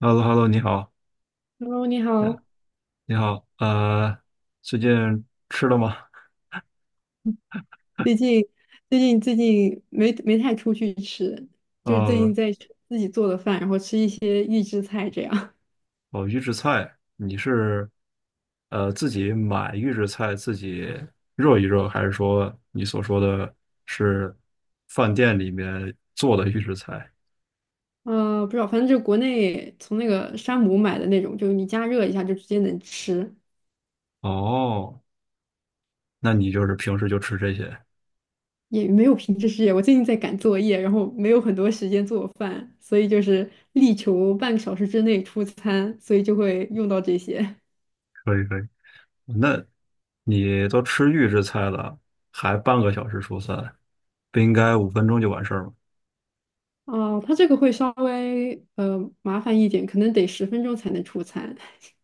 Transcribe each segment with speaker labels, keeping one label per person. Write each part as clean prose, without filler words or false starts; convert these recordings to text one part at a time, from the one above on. Speaker 1: h e l l o h e l l o 你好，
Speaker 2: Hello，你好。
Speaker 1: 你好，最近吃了吗？
Speaker 2: 最近最近没太出去吃，就是最近
Speaker 1: 呃，
Speaker 2: 在吃自己做的饭，然后吃一些预制菜这样。
Speaker 1: 哦，预制菜，你是自己买预制菜自己热一热，还是说你所说的是饭店里面做的预制菜？
Speaker 2: 不知道，反正就国内从那个山姆买的那种，就是你加热一下就直接能吃，
Speaker 1: 哦，那你就是平时就吃这些，
Speaker 2: 也没有品质试验。我最近在赶作业，然后没有很多时间做饭，所以就是力求半个小时之内出餐，所以就会用到这些。
Speaker 1: 可以可以。那你都吃预制菜了，还半个小时出餐，不应该5分钟就完事儿吗？
Speaker 2: 哦，它这个会稍微麻烦一点，可能得10分钟才能出餐。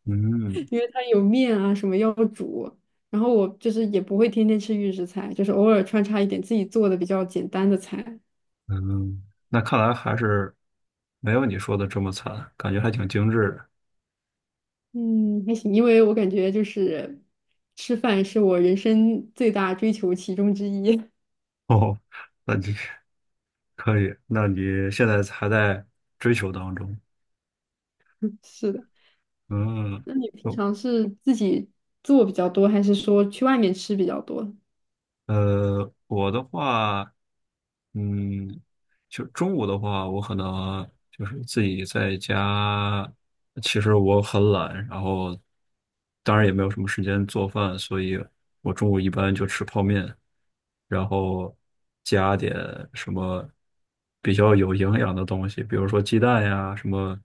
Speaker 1: 嗯。
Speaker 2: 因为它有面啊什么要煮，然后我就是也不会天天吃预制菜，就是偶尔穿插一点自己做的比较简单的菜。
Speaker 1: 嗯，那看来还是没有你说的这么惨，感觉还挺精致的。
Speaker 2: 嗯，还行，因为我感觉就是吃饭是我人生最大追求其中之一。
Speaker 1: 哦，那你 可以，那你现在还在追求当中。
Speaker 2: 是的，
Speaker 1: 嗯，
Speaker 2: 那你平
Speaker 1: 哦，
Speaker 2: 常是自己做比较多，还是说去外面吃比较多？
Speaker 1: 我的话。嗯，就中午的话，我可能就是自己在家。其实我很懒，然后当然也没有什么时间做饭，所以我中午一般就吃泡面，然后加点什么比较有营养的东西，比如说鸡蛋呀、什么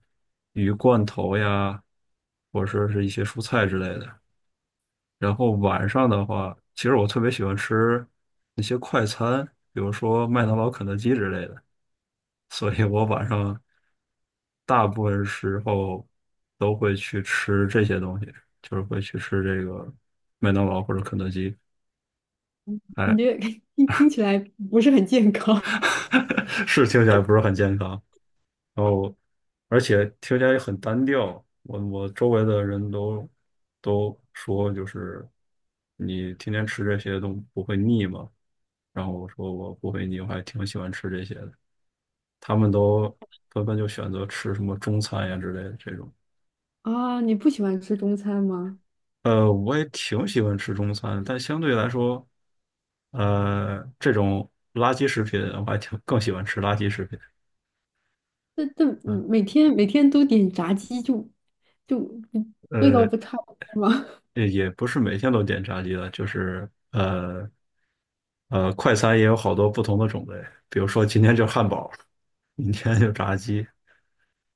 Speaker 1: 鱼罐头呀，或者说是一些蔬菜之类的。然后晚上的话，其实我特别喜欢吃那些快餐，比如说麦当劳、肯德基之类的，所以我晚上大部分时候都会去吃这些东西，就是会去吃这个麦当劳或者肯德基。
Speaker 2: 感
Speaker 1: 哎，
Speaker 2: 觉 听起来不是很健康
Speaker 1: 是听起来不是很健康，然后而且听起来也很单调。我周围的人都说，就是你天天吃这些都不会腻吗？然后我说我不会腻，我还挺喜欢吃这些的。他们都纷纷就选择吃什么中餐呀之类的这种。
Speaker 2: 啊。你不喜欢吃中餐吗？
Speaker 1: 我也挺喜欢吃中餐，但相对来说，这种垃圾食品我还挺更喜欢吃垃圾食品。
Speaker 2: 但但
Speaker 1: 嗯，
Speaker 2: 嗯每天都点炸鸡就不味道
Speaker 1: 呃，
Speaker 2: 不差不多吗？
Speaker 1: 也不是每天都点炸鸡的，就是快餐也有好多不同的种类，比如说今天就汉堡，明天就炸鸡，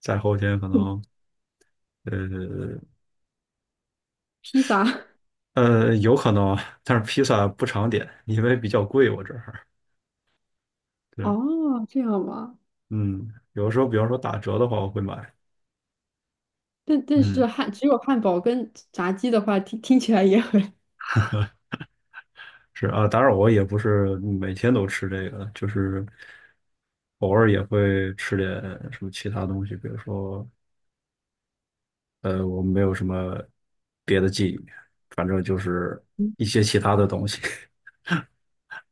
Speaker 1: 再后天可能。呃，
Speaker 2: 披萨
Speaker 1: 有可能啊，但是披萨不常点，因为比较贵，我这儿。对，
Speaker 2: 哦，这样吗？
Speaker 1: 嗯，有的时候，比方说打折的话，我会买。
Speaker 2: 但但是
Speaker 1: 嗯，
Speaker 2: 汉只有汉堡跟炸鸡的话，听起来也很……
Speaker 1: 是啊，当然我也不是每天都吃这个，就是偶尔也会吃点什么其他东西，比如说，我没有什么别的记忆，反正就是一
Speaker 2: 嗯
Speaker 1: 些其他的东西。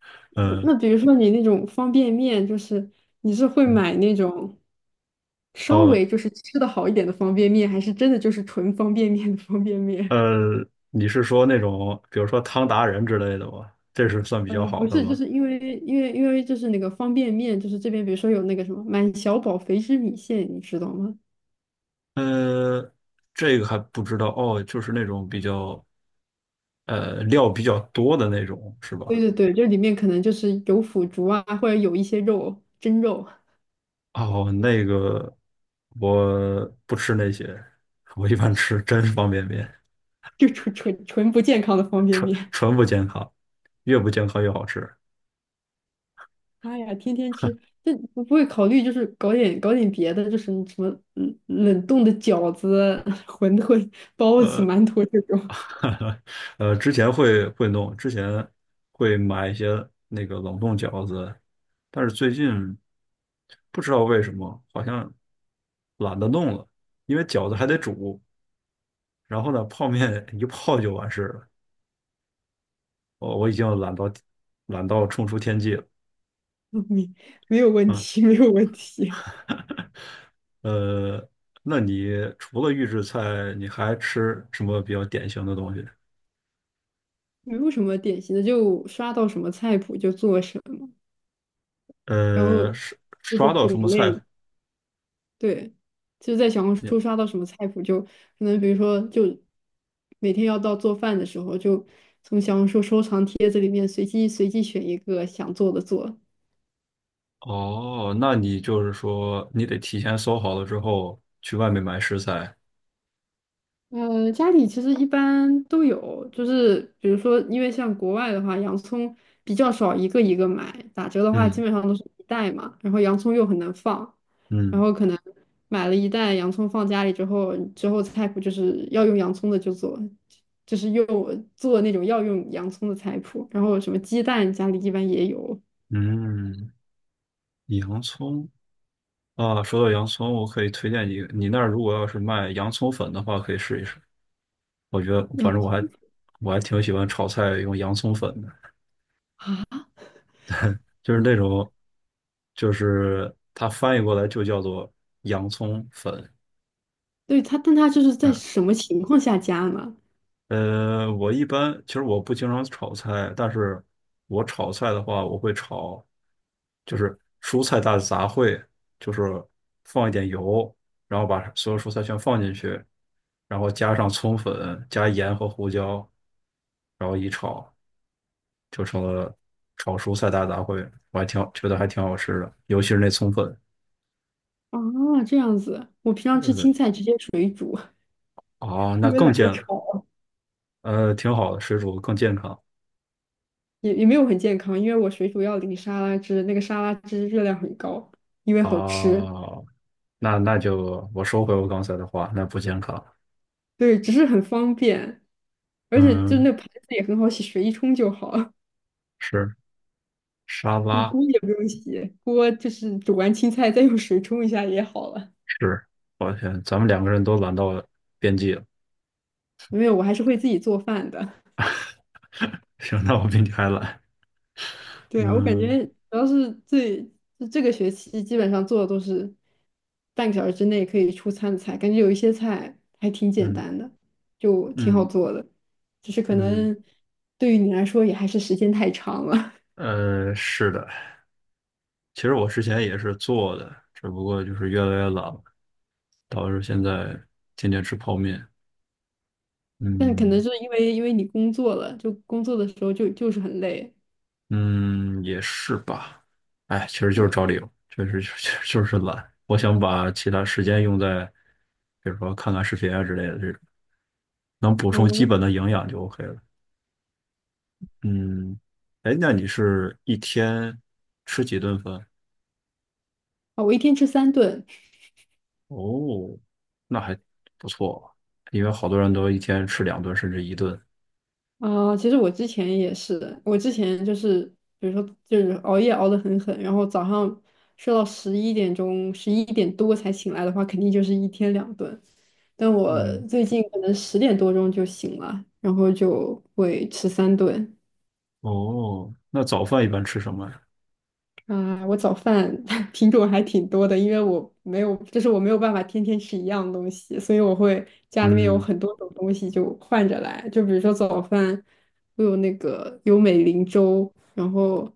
Speaker 1: 嗯，
Speaker 2: 那比如说你那种方便面，就是你是会买那种稍
Speaker 1: 哦，
Speaker 2: 微就是吃的好一点的方便面，还是真的就是纯方便面的方便面？
Speaker 1: 你是说那种，比如说汤达人之类的吗？这是算 比较
Speaker 2: 呃，
Speaker 1: 好
Speaker 2: 不
Speaker 1: 的
Speaker 2: 是，就
Speaker 1: 吗？
Speaker 2: 是因为就是那个方便面，就是这边比如说有那个什么满小宝肥汁米线，你知道吗？
Speaker 1: 呃，这个还不知道哦，就是那种比较料比较多的那种是
Speaker 2: 对
Speaker 1: 吧？
Speaker 2: 对对，这里面可能就是有腐竹啊，或者有一些肉，蒸肉，
Speaker 1: 哦，那个我不吃那些，我一般吃真方便面，
Speaker 2: 就纯不健康的方便
Speaker 1: 纯
Speaker 2: 面。
Speaker 1: 纯不健康，越不健康越好吃。
Speaker 2: 妈呀，天天吃，这不会考虑就是搞点别的，就是什么冷冻的饺子、馄饨、包子、馒 头这种，
Speaker 1: 之前会弄，之前会买一些那个冷冻饺子，但是最近不知道为什么好像懒得弄了，因为饺子还得煮，然后呢，泡面一泡就完事了。我已经懒到冲出天际了。
Speaker 2: 没没有问
Speaker 1: 嗯，
Speaker 2: 题，没有问题，
Speaker 1: 呃，那你除了预制菜，你还吃什么比较典型的东西？
Speaker 2: 没有什么典型的，就刷到什么菜谱就做什么，然后
Speaker 1: 呃，刷
Speaker 2: 吃的
Speaker 1: 刷到什
Speaker 2: 种
Speaker 1: 么
Speaker 2: 类。
Speaker 1: 菜？
Speaker 2: 对，就是在小红
Speaker 1: 你
Speaker 2: 书刷到什么菜谱，就可能比如说，就每天要到做饭的时候，就从小红书收藏帖子里面随机选一个想做的做，
Speaker 1: 哦，那你就是说你得提前搜好了之后去外面买食材。
Speaker 2: 呃，家里其实一般都有，就是比如说，因为像国外的话，洋葱比较少一个一个买，打折的话基
Speaker 1: 嗯
Speaker 2: 本上都是一袋嘛，然后洋葱又很难放，然
Speaker 1: 嗯
Speaker 2: 后可能买了一袋洋葱放家里之后，之后菜谱就是要用洋葱的就做，就是用做那种要用洋葱的菜谱，然后什么鸡蛋家里一般也有，
Speaker 1: 嗯，洋葱啊，说到洋葱，我可以推荐你，你那儿如果要是卖洋葱粉的话，可以试一试。我觉得
Speaker 2: 洋
Speaker 1: 反正我
Speaker 2: 葱
Speaker 1: 还我还挺喜欢炒菜用洋葱粉的，
Speaker 2: 啊，
Speaker 1: 就是那种就是它翻译过来就叫做洋葱粉。
Speaker 2: 对它，但它就是在
Speaker 1: 嗯，
Speaker 2: 什么情况下加呢？
Speaker 1: 我一般其实我不经常炒菜，但是我炒菜的话，我会炒就是蔬菜大杂烩，就是放一点油，然后把所有蔬菜全放进去，然后加上葱粉、加盐和胡椒，然后一炒。就成了炒蔬菜大杂烩，我还挺好觉得还挺好吃的，尤其是那葱粉，
Speaker 2: 啊，这样子，我平常吃
Speaker 1: 对，
Speaker 2: 青菜直接水煮。
Speaker 1: 啊，那
Speaker 2: 因为
Speaker 1: 更
Speaker 2: 懒得
Speaker 1: 健，
Speaker 2: 炒，
Speaker 1: 挺好的，水煮更健康
Speaker 2: 也没有很健康，因为我水煮要淋沙拉汁，那个沙拉汁热量很高，因为好吃，
Speaker 1: 啊，那就我收回我刚才的话，那不健康，
Speaker 2: 对，只是很方便，而且就
Speaker 1: 嗯，
Speaker 2: 那盘子也很好洗，水一冲就好，
Speaker 1: 是沙
Speaker 2: 锅
Speaker 1: 拉，
Speaker 2: 锅也不用洗，锅就是煮完青菜再用水冲一下也好了。
Speaker 1: 是，抱歉，咱们两个人都懒到边际了，
Speaker 2: 没有，我还是会自己做饭的。
Speaker 1: 行，那我比你还懒，
Speaker 2: 对啊，我感
Speaker 1: 嗯
Speaker 2: 觉主要是就这个学期基本上做的都是半个小时之内可以出餐的菜，感觉有一些菜还挺简
Speaker 1: 嗯
Speaker 2: 单的，就挺好
Speaker 1: 嗯
Speaker 2: 做的。只是可
Speaker 1: 嗯，
Speaker 2: 能对于你来说也还是时间太长了。
Speaker 1: 是的。其实我之前也是做的，只不过就是越来越懒了。导致现在天天吃泡面。
Speaker 2: 但可能
Speaker 1: 嗯
Speaker 2: 是因为你工作了，就工作的时候就是很累。
Speaker 1: 嗯，也是吧。哎，其实就是
Speaker 2: 对，
Speaker 1: 找理由，确实就是懒。我想把其他时间用在，比如说看看视频啊之类的这种，能补充基
Speaker 2: 哦，
Speaker 1: 本的营养就 OK 了。嗯，哎，那你是一天吃几顿饭？
Speaker 2: 啊，我一天吃三顿。
Speaker 1: 哦，那还不错，因为好多人都一天吃两顿甚至一顿。
Speaker 2: 啊，其实我之前也是的，我之前就是，比如说就是熬夜熬得很狠，然后早上睡到11点钟、11点多才醒来的话，肯定就是一天2顿。但我
Speaker 1: 嗯，
Speaker 2: 最近可能10点多钟就醒了，然后就会吃三顿。
Speaker 1: 哦，那早饭一般吃什么呀
Speaker 2: 啊，我早饭 品种还挺多的，因为我没有，就是我没有办法天天吃一样东西，所以我会家里面有
Speaker 1: 嗯，
Speaker 2: 很多种东西就换着来。就比如说早饭，我有那个有美林粥，然后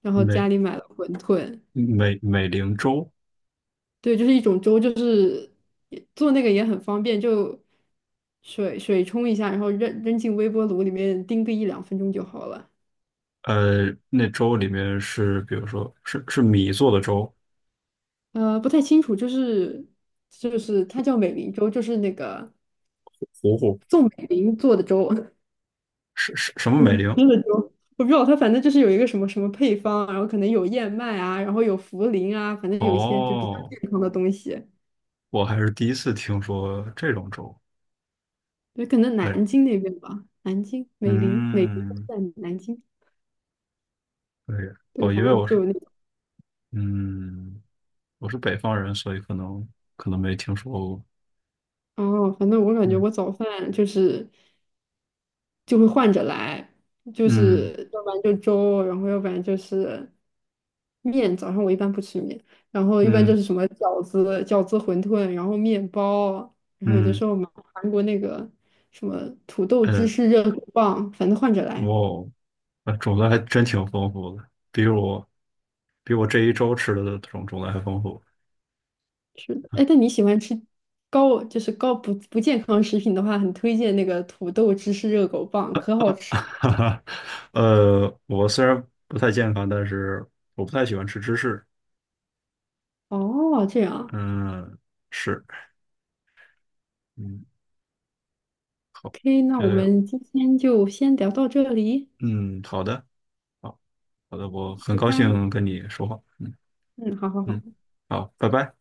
Speaker 2: 然后家
Speaker 1: 没
Speaker 2: 里买了馄饨，
Speaker 1: 美龄粥，
Speaker 2: 对，就是一种粥，就是也做那个也很方便，就水冲一下，然后扔进微波炉里面叮个一两分钟就好了。
Speaker 1: 那粥里面是，比如说是米做的粥，
Speaker 2: 呃，不太清楚，就是它叫美林粥，就是那个。
Speaker 1: 糊糊
Speaker 2: 宋美龄做的粥，
Speaker 1: 是什么
Speaker 2: 嗯
Speaker 1: 美龄？
Speaker 2: 真的粥，我不知道它反正就是有一个什么什么配方，然后可能有燕麦啊，然后有茯苓啊，反正有一些就比较
Speaker 1: 哦，
Speaker 2: 健康的东西。
Speaker 1: 我还是第一次听说这种粥。
Speaker 2: 对，可能
Speaker 1: 对，
Speaker 2: 南京那边吧，南京美龄，美龄
Speaker 1: 嗯，
Speaker 2: 在南京。
Speaker 1: 对，
Speaker 2: 对，
Speaker 1: 哦，
Speaker 2: 反
Speaker 1: 因为
Speaker 2: 正
Speaker 1: 我
Speaker 2: 就
Speaker 1: 是，
Speaker 2: 有那种
Speaker 1: 嗯，我是北方人，所以可能没听说过。
Speaker 2: 哦，反正我感觉
Speaker 1: 嗯
Speaker 2: 我早饭就是就会换着来，就
Speaker 1: 嗯
Speaker 2: 是要不然就粥，然后要不然就是面。早上我一般不吃面，然后一般
Speaker 1: 嗯
Speaker 2: 就是什么饺子、馄饨，然后面包，然后有的
Speaker 1: 嗯，
Speaker 2: 时候买韩国那个什么土豆芝
Speaker 1: 呃，
Speaker 2: 士热狗棒，反正换着
Speaker 1: 哇
Speaker 2: 来。
Speaker 1: 哦，种类还真挺丰富的，比我这一周吃的种类还丰富。
Speaker 2: 是的，哎，但你喜欢吃高，就是高不健康食品的话，很推荐那个土豆芝士热狗棒，可好 吃
Speaker 1: 哈
Speaker 2: 了。
Speaker 1: 哈，我虽然不太健康，但是我不太喜欢吃芝士。
Speaker 2: 哦，这样
Speaker 1: 嗯，是，嗯，好，
Speaker 2: ，OK，那我
Speaker 1: 这样，
Speaker 2: 们今天就先聊到这里，
Speaker 1: 嗯，好的，好，好的，我很
Speaker 2: 拜
Speaker 1: 高
Speaker 2: 拜。
Speaker 1: 兴跟你说话。嗯
Speaker 2: 嗯，好好
Speaker 1: 嗯，
Speaker 2: 好。
Speaker 1: 好，拜拜。